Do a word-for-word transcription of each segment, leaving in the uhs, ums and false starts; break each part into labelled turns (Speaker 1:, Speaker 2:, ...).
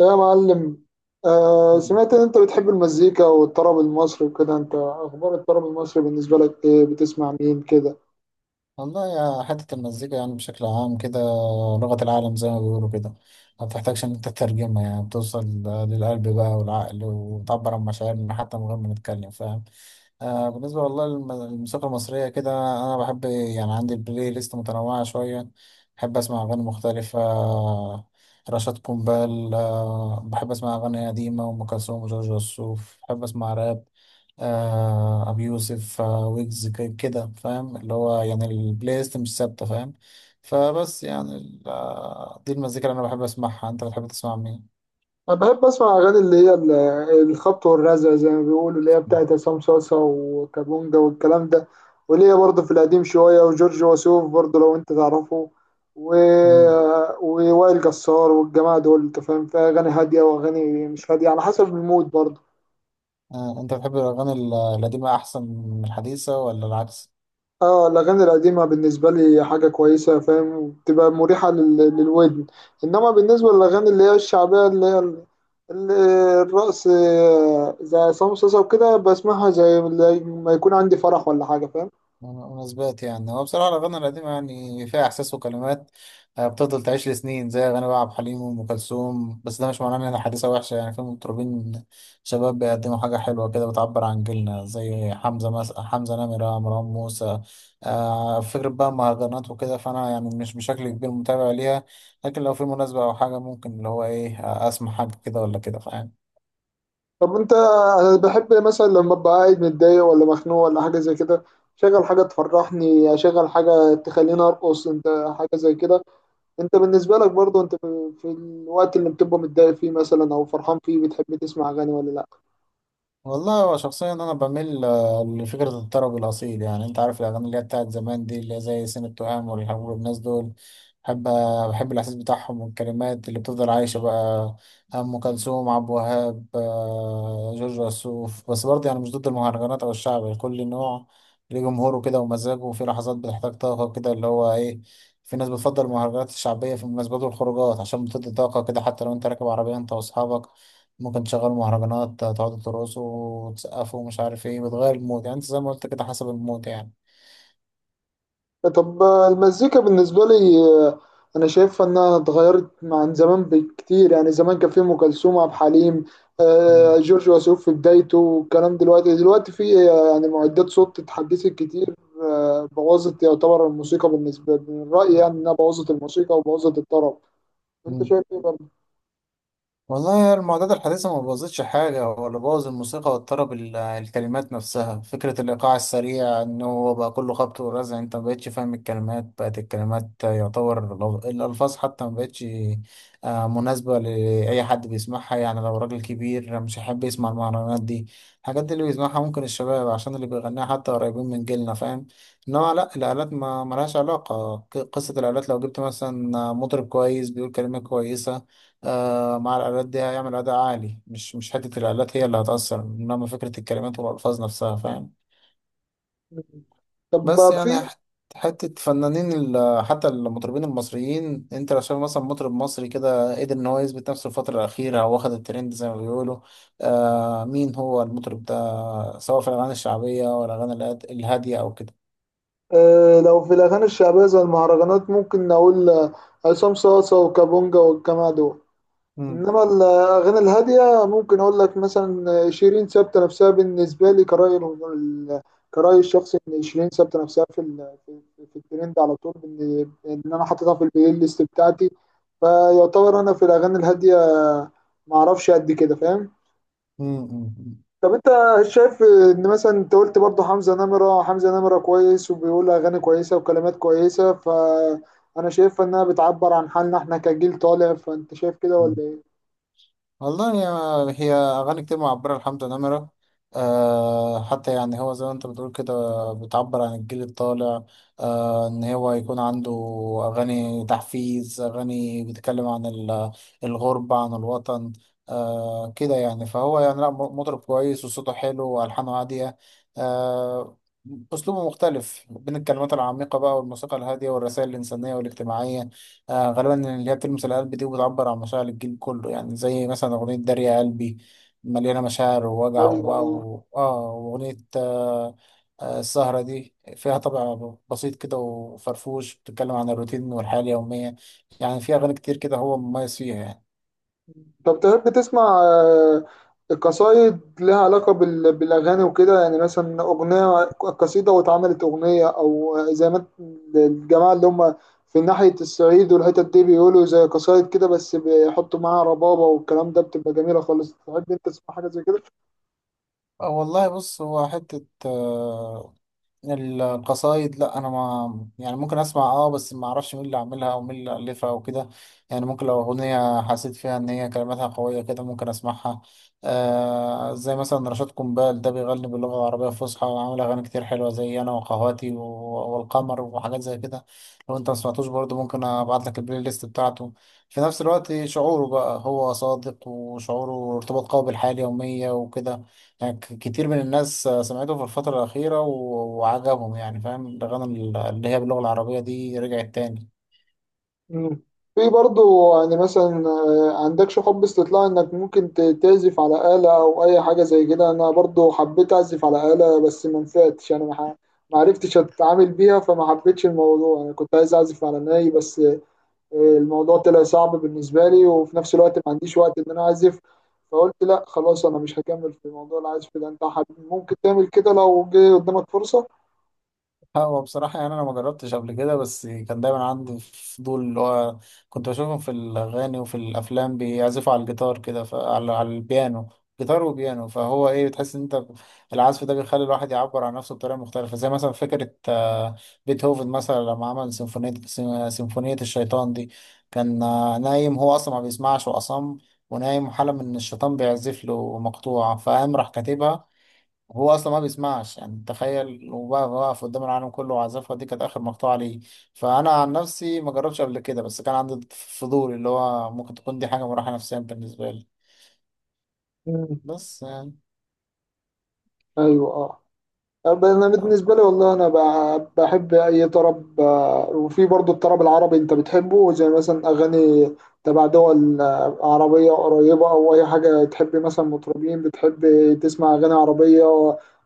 Speaker 1: إيه يا معلم؟ آه،
Speaker 2: مم.
Speaker 1: سمعت ان انت بتحب المزيكا والطرب المصري وكده. انت اخبار الطرب المصري بالنسبه لك ايه؟ بتسمع مين كده؟
Speaker 2: والله، يا حتة المزيكا يعني بشكل عام كده، لغة العالم زي ما بيقولوا كده، ما بتحتاجش إن أنت تترجمها، يعني بتوصل للقلب بقى والعقل، وتعبر عن مشاعرنا حتى من غير ما نتكلم، فاهم؟ آه، بالنسبة والله للم- للموسيقى المصرية كده، أنا بحب يعني عندي البلاي ليست متنوعة شوية، بحب أسمع أغاني مختلفة آه، رشاد قنبال، آه بحب أسمع أغاني قديمة وأم كلثوم وجورج وسوف، بحب أسمع راب، آه أبي يوسف آه ويجز ك- كده فاهم، اللي هو يعني البلاي ليست مش ثابتة فاهم. فبس يعني ال- آه، دي المزيكا اللي أنا بحب أسمعها. أنت بتحب تسمع مين؟
Speaker 1: انا بحب اسمع اغاني اللي هي ال- الخبط والرزع زي ما بيقولوا، اللي هي بتاعت عصام صاصا وكابونجا والكلام ده، واللي هي برضه في القديم شويه، وجورج وسوف برضه لو انت تعرفه، و...
Speaker 2: مم.
Speaker 1: ووائل جسار والجماعه دول. انت فاهم، فيها اغاني هاديه واغاني مش هاديه على حسب المود برضه.
Speaker 2: آه أنت بتحب الأغاني ال- القديمة أحسن من الحديثة ولا العكس؟
Speaker 1: اه، الأغاني القديمة بالنسبة لي حاجة كويسة، فاهم، وبتبقى مريحة لل... للودن. إنما بالنسبة للأغاني اللي هي الشعبية، اللي هي ال- ال- الرقص، آه، زي عصام صاصا وكده، بسمعها زي زي ما يكون عندي فرح ولا حاجة، فاهم.
Speaker 2: مناسبات، يعني هو بصراحة الأغاني القديمة يعني فيها إحساس وكلمات آه، بتفضل تعيش لسنين، زي أغاني بقى عبد الحليم وأم كلثوم. بس ده مش معناه إن هي حديثة وحشة، يعني في مطربين شباب بيقدموا حاجة حلوة كده، بتعبر عن جيلنا، زي حمزة مس... حمزة نمرة، مروان موسى آه فكرة بقى مهرجانات وكده، فأنا يعني مش بشكل كبير متابع ليها، لكن لو في مناسبة أو حاجة، ممكن اللي هو إيه آه، أسمع حاجة كده ولا كده فاهم.
Speaker 1: طب أنت، أنا بحب مثلا لما أبقى قاعد متضايق ولا مخنوق ولا حاجة زي كده، شغل حاجة تفرحني، أشغل حاجة تخليني أرقص، أنت حاجة زي كده. أنت بالنسبة لك برضو، أنت في في الوقت اللي بتبقى متضايق فيه مثلا أو فرحان فيه، بتحب تسمع أغاني ولا لأ؟
Speaker 2: والله، هو شخصيا انا بميل آه، لفكره الطرب الاصيل، يعني انت عارف الاغاني اللي هي بتاعت زمان دي، اللي هي زي سن التهام والارهاب والناس دول. بحب آه، بحب الاحساس بتاعهم والكلمات اللي بتفضل عايشه بقى، ام كلثوم عبد الوهاب آه، جورج وسوف. بس برضه يعني مش ضد المهرجانات او الشعب، كل نوع ليه جمهوره كده ومزاجه، وفي لحظات بتحتاج طاقه كده اللي هو ايه. في ناس بتفضل المهرجانات الشعبيه في المناسبات والخروجات، عشان بتدي طاقه كده، حتى لو انت راكب عربيه انت واصحابك ممكن تشغل مهرجانات، تقعدوا ترقصوا وتسقفوا ومش عارف ايه، بتغير المود، يعني انت زي ما قلت كده حسب المود يعني.
Speaker 1: طب المزيكا بالنسبة لي آه، أنا شايفها إنها اتغيرت عن زمان بكتير. يعني زمان كان في أم كلثوم، عبد الحليم، آه،
Speaker 2: مم.
Speaker 1: جورج وسوف في بدايته والكلام. دلوقتي دلوقتي في آه، يعني معدات صوت اتحدثت كتير، آه، بوظت. يعتبر الموسيقى بالنسبة لي من رأيي يعني إنها بوظت الموسيقى وبوظت الطرب. أنت
Speaker 2: مم.
Speaker 1: شايف إيه برضه؟
Speaker 2: والله، المعدات الحديثة ما بوظتش حاجة، هو اللي بوظ الموسيقى واضطرب ال- الكلمات نفسها، فكرة الإيقاع السريع إن هو بقى كله خبط ورزع، أنت ما بقتش فاهم الكلمات، بقت الكلمات يعتبر لغ- الألفاظ حتى ما بقتش آه، مناسبة لأي حد بيسمعها. يعني لو راجل كبير مش هيحب يسمع المهرجانات دي، الحاجات دي اللي بيسمعها ممكن الشباب، عشان اللي بيغنيها حتى قريبين من جيلنا فاهم. إنما لأ، الآلات ما ملهاش علاقة، ق- قصة الآلات، لو جبت مثلا مطرب كويس بيقول كلمة كويسة آه، مع الآلات دي هيعمل أداء عالي، مش مش حتة الآلات هي اللي هتأثر، إنما فكرة الكلمات والألفاظ نفسها فاهم. بس
Speaker 1: طب
Speaker 2: يعني
Speaker 1: في
Speaker 2: حت- حتة فنانين، ال- حتى المطربين المصريين، أنت لو شايف مثلا مطرب مصري كده قدر إن هو يثبت نفسه الفترة الأخيرة أو واخد الترند زي ما بيقولوا، آه مين هو المطرب ده، سواء في الأغاني الشعبية ولا الأغاني الهاد- الهادية أو كده؟
Speaker 1: آه، لو في الأغاني الشعبية زي المهرجانات ممكن نقول آه، عصام صاصة وكابونجا والجماعة دول.
Speaker 2: مم.
Speaker 1: انما الاغاني الهاديه ممكن اقول لك مثلا شيرين ثابته نفسها بالنسبه لي. كرايي ال- كرايي الشخصي ان شيرين ثابته نفسها في ال- في في- في الترند على طول، ان إن انا حاططها في البلاي ليست بتاعتي. فيعتبر انا في الاغاني الهاديه ما اعرفش قد كده، فاهم.
Speaker 2: مم. مم.
Speaker 1: طب انت شايف ان مثلا انت قلت برضه حمزه نمره، حمزه نمره كويس وبيقول اغاني كويسه وكلمات كويسه، فانا شايف انها بتعبر عن حالنا احنا كجيل طالع. فانت شايف كده ولا
Speaker 2: مم.
Speaker 1: ايه؟
Speaker 2: والله، يا- هي أغاني كتير معبرة لحمزة نمرة. أه حتى يعني هو زي ما أنت بتقول كده، بتعبر عن الجيل الطالع. أه إن هو يكون عنده أغاني تحفيز، أغاني بتتكلم عن ال- الغربة عن الوطن أه كده يعني، فهو يعني لا، م- مطرب كويس وصوته حلو وألحانه هادية. أه أسلوبه مختلف بين الكلمات العميقة بقى والموسيقى الهادية والرسائل الإنسانية والاجتماعية، آه غالبا اللي هي بتلمس القلب دي، وبتعبر عن مشاعر الجيل كله، يعني زي مثلا أغنية داري يا قلبي، مليانة مشاعر ووجع وبقى
Speaker 1: أيوة.
Speaker 2: و... آه وأغنية آه آه السهرة دي فيها طبع بسيط كده وفرفوش، بتتكلم عن الروتين والحياة اليومية، يعني فيها أغاني كتير كده هو مميز فيها يعني.
Speaker 1: طب تحب تسمع آه، قصايد لها علاقة بال- بالأغاني وكده؟ يعني مثلا أغنية، قصيدة واتعملت أغنية، أو زي ما الجماعة اللي هم في ناحية الصعيد والحتت دي بيقولوا، زي قصايد كده بس بيحطوا معاها ربابة والكلام ده، بتبقى جميلة خالص. تحب أنت تسمع حاجة زي كده؟
Speaker 2: آه والله، بص، هو حتة آه، القصايد لا، انا ما يعني ممكن اسمع اه بس ما اعرفش مين اللي عاملها ومين اللي الفها وكده. يعني ممكن لو اغنيه حسيت فيها ان هي كلماتها قويه كده ممكن اسمعها، آه زي مثلا رشاد قنبال ده بيغني باللغه العربيه الفصحى، وعامل اغاني كتير حلوه زي انا وقهواتي و- والقمر وحاجات زي كده. لو انت ما سمعتوش برضه ممكن ابعت لك البلاي ليست بتاعته. في نفس الوقت، شعوره بقى هو صادق، وشعوره ارتباط قوي بالحياه اليوميه وكده، يعني ك- كتير من الناس آه، سمعته في الفترة الأخيرة و- وعجبهم يعني فاهم، الأغاني ال- اللي هي باللغة العربية دي رجعت تاني.
Speaker 1: مم. في برضو، يعني مثلا آه، عندكش حب استطلاع انك ممكن ت- تعزف على آلة او اي حاجة زي كده؟ انا برضو حبيت اعزف على آلة بس ما نفعتش، انا ما ح- ما عرفتش اتعامل بيها فما حبيتش الموضوع. انا كنت عايز اعزف على ناي بس آه، الموضوع طلع صعب بالنسبة لي، وفي نفس الوقت ما عنديش وقت ان انا اعزف. فقلت لا خلاص، انا مش هكمل في موضوع العزف ده. انت حب... ممكن تعمل كده لو جه قدامك فرصة؟
Speaker 2: هو بصراحة يعني أنا ما جربتش قبل كده، بس كان دايما عندي فضول اللي هو كنت بشوفهم في الأغاني وفي الأفلام بيعزفوا على الجيتار كده، ف- على على البيانو، جيتار وبيانو، فهو إيه، بتحس إن أنت ب- العزف ده بيخلي الواحد يعبر عن نفسه بطريقة مختلفة، زي مثلا فكرة آه، بيتهوفن مثلا لما عمل سيمفونية، سيم- سيمفونية الشيطان دي، كان آه، نايم، هو أصلا ما بيسمعش وأصم، ونايم وحلم إن الشيطان بيعزف له مقطوعة، فقام راح كاتبها. هو اصلا ما بيسمعش، يعني تخيل، وبقى واقف قدام العالم كله وعزفها، دي كانت اخر مقطوعه ليه. فانا عن نفسي ما جربتش قبل كده، بس كان عندي فضول اللي هو ممكن تكون دي حاجه مراحه نفسيه بالنسبه لي.
Speaker 1: مم.
Speaker 2: بس يعني
Speaker 1: ايوه، اه. أما انا
Speaker 2: طب-
Speaker 1: بالنسبه لي والله انا ب- بحب اي طرب آه، وفي برضو الطرب العربي. انت بتحبه زي مثلا اغاني تبع دول، آه، عربيه قريبه او اي حاجه؟ تحب مثلا مطربين، بتحب تسمع اغاني عربيه،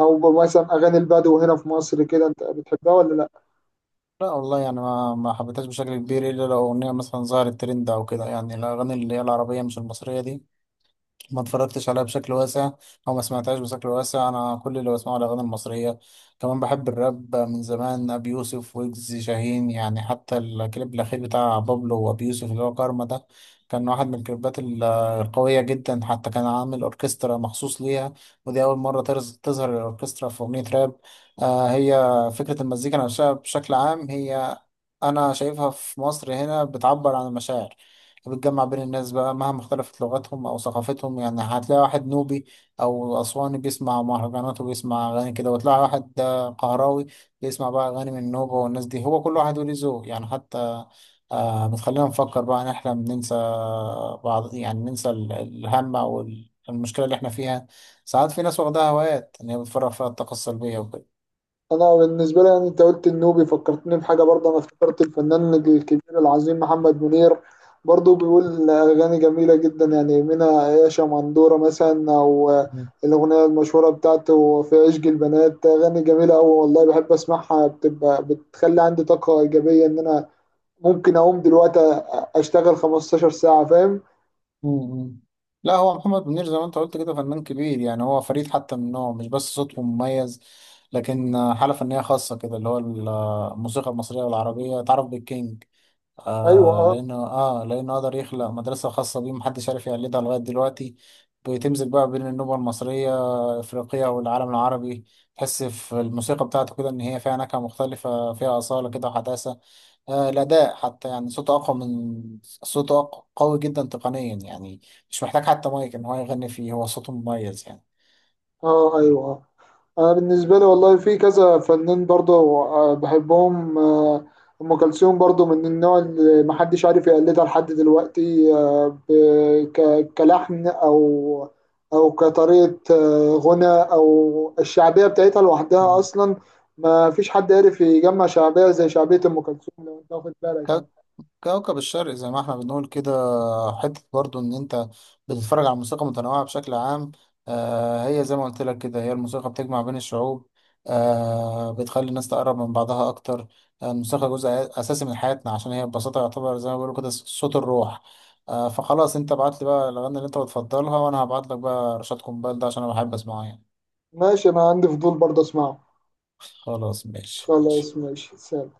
Speaker 1: او مثلا اغاني البدو هنا في مصر كده، انت بتحبها ولا لا؟
Speaker 2: لا والله، يعني ما ما حبيتهاش بشكل كبير، الا لو اغنيه مثلا ظهرت ترند او كده. يعني الاغاني اللي هي العربيه مش المصريه دي ما اتفرجتش عليها بشكل واسع، او ما سمعتهاش بشكل واسع، انا كل اللي بسمعه الاغاني المصريه. كمان بحب الراب من زمان، ابي يوسف، ويجز، شاهين، يعني حتى الكليب الاخير بتاع بابلو وابي يوسف اللي هو كارما ده، كان واحد من الكليبات ال- القويه جدا، حتى كان عامل اوركسترا مخصوص ليها، ودي اول مره ترز- تظهر الاوركسترا في اغنيه راب. آه هي فكره المزيكا نفسها بشكل عام، هي انا شايفها في مصر هنا بتعبر عن المشاعر، بتجمع بين الناس بقى مهما اختلفت لغتهم أو ثقافتهم، يعني هتلاقي واحد نوبي أو أسواني بيسمع مهرجانات وبيسمع أغاني كده، وتلاقي واحد آه، قهراوي بيسمع بقى أغاني من النوبة، والناس دي هو كل واحد وليه ذوق يعني. حتى آه بتخلينا نفكر بقى، نحلم، ننسى بعض يعني، ننسى ال- الهم أو ال- المشكلة اللي احنا فيها، ساعات في ناس واخدها هوايات إن هي بتفرغ فيها الطاقة السلبية وكده.
Speaker 1: انا بالنسبه لي يعني انت قلت النوبي، فكرتني بحاجه برضه. انا افتكرت الفنان الكبير العظيم محمد منير، برضه بيقول اغاني جميله جدا، يعني منها يا شمندوره مثلا، او الاغنيه المشهوره بتاعته في عشق البنات. اغاني جميله قوي والله، بحب اسمعها، بتبقى بتخلي عندي طاقه ايجابيه ان انا ممكن اقوم دلوقتي اشتغل خمستاشر ساعه، فاهم.
Speaker 2: مم. لا، هو محمد منير زي ما انت قلت كده فنان كبير، يعني هو فريد حتى من نوعه، مش بس صوته مميز، لكن حالة فنية خاصة كده، اللي هو الموسيقى المصرية والعربية اتعرف بالكينج.
Speaker 1: ايوه،
Speaker 2: آه
Speaker 1: اه.
Speaker 2: لأنه اه لأنه قدر يخلق مدرسة خاصة بيه، محدش عارف يقلدها لغاية دلوقتي، بتمزج بقى بين النوبة المصرية، أفريقيا والعالم العربي. تحس في الموسيقى بتاعته كده إن هي فيها نكهة مختلفة، فيها أصالة كده وحداثة، آه، الأداء حتى يعني صوته أقوى من صوته أق- قوي جدا تقنيا يعني، مش محتاج حتى مايك إن هو يغني فيه، هو صوته مميز يعني.
Speaker 1: آه، ايوه، آه. انا بالنسبه لي والله في كذا فنان برضه آه، بحبهم آه، ام كلثوم برضه من النوع اللي محدش عارف يقلدها لحد دلوقتي، آه، ب- ك- كلحن او او كطريقه، آه، غنى، او الشعبيه بتاعتها لوحدها
Speaker 2: مم.
Speaker 1: اصلا. ما فيش حد عارف يجمع شعبيه زي شعبيه ام كلثوم لو انت واخد بالك يعني.
Speaker 2: كوكب الشرق زي ما احنا بنقول كده، حتة برضو ان انت بتتفرج على موسيقى متنوعة بشكل عام. آه هي زي ما قلت لك كده، هي الموسيقى بتجمع بين الشعوب، آه بتخلي الناس تقرب من بعضها اكتر، آه الموسيقى جزء اساسي من حياتنا، عشان هي ببساطة يعتبر زي ما بيقولوا كده صوت الروح. آه فخلاص، انت بعت لي بقى الاغاني اللي انت بتفضلها، وانا هبعت لك بقى رشاد قنبال ده عشان انا بحب اسمعه يعني.
Speaker 1: ماشي، انا عندي فضول برضه اسمعه.
Speaker 2: خلاص ماشي ماشي.
Speaker 1: خلاص ماشي، سلام.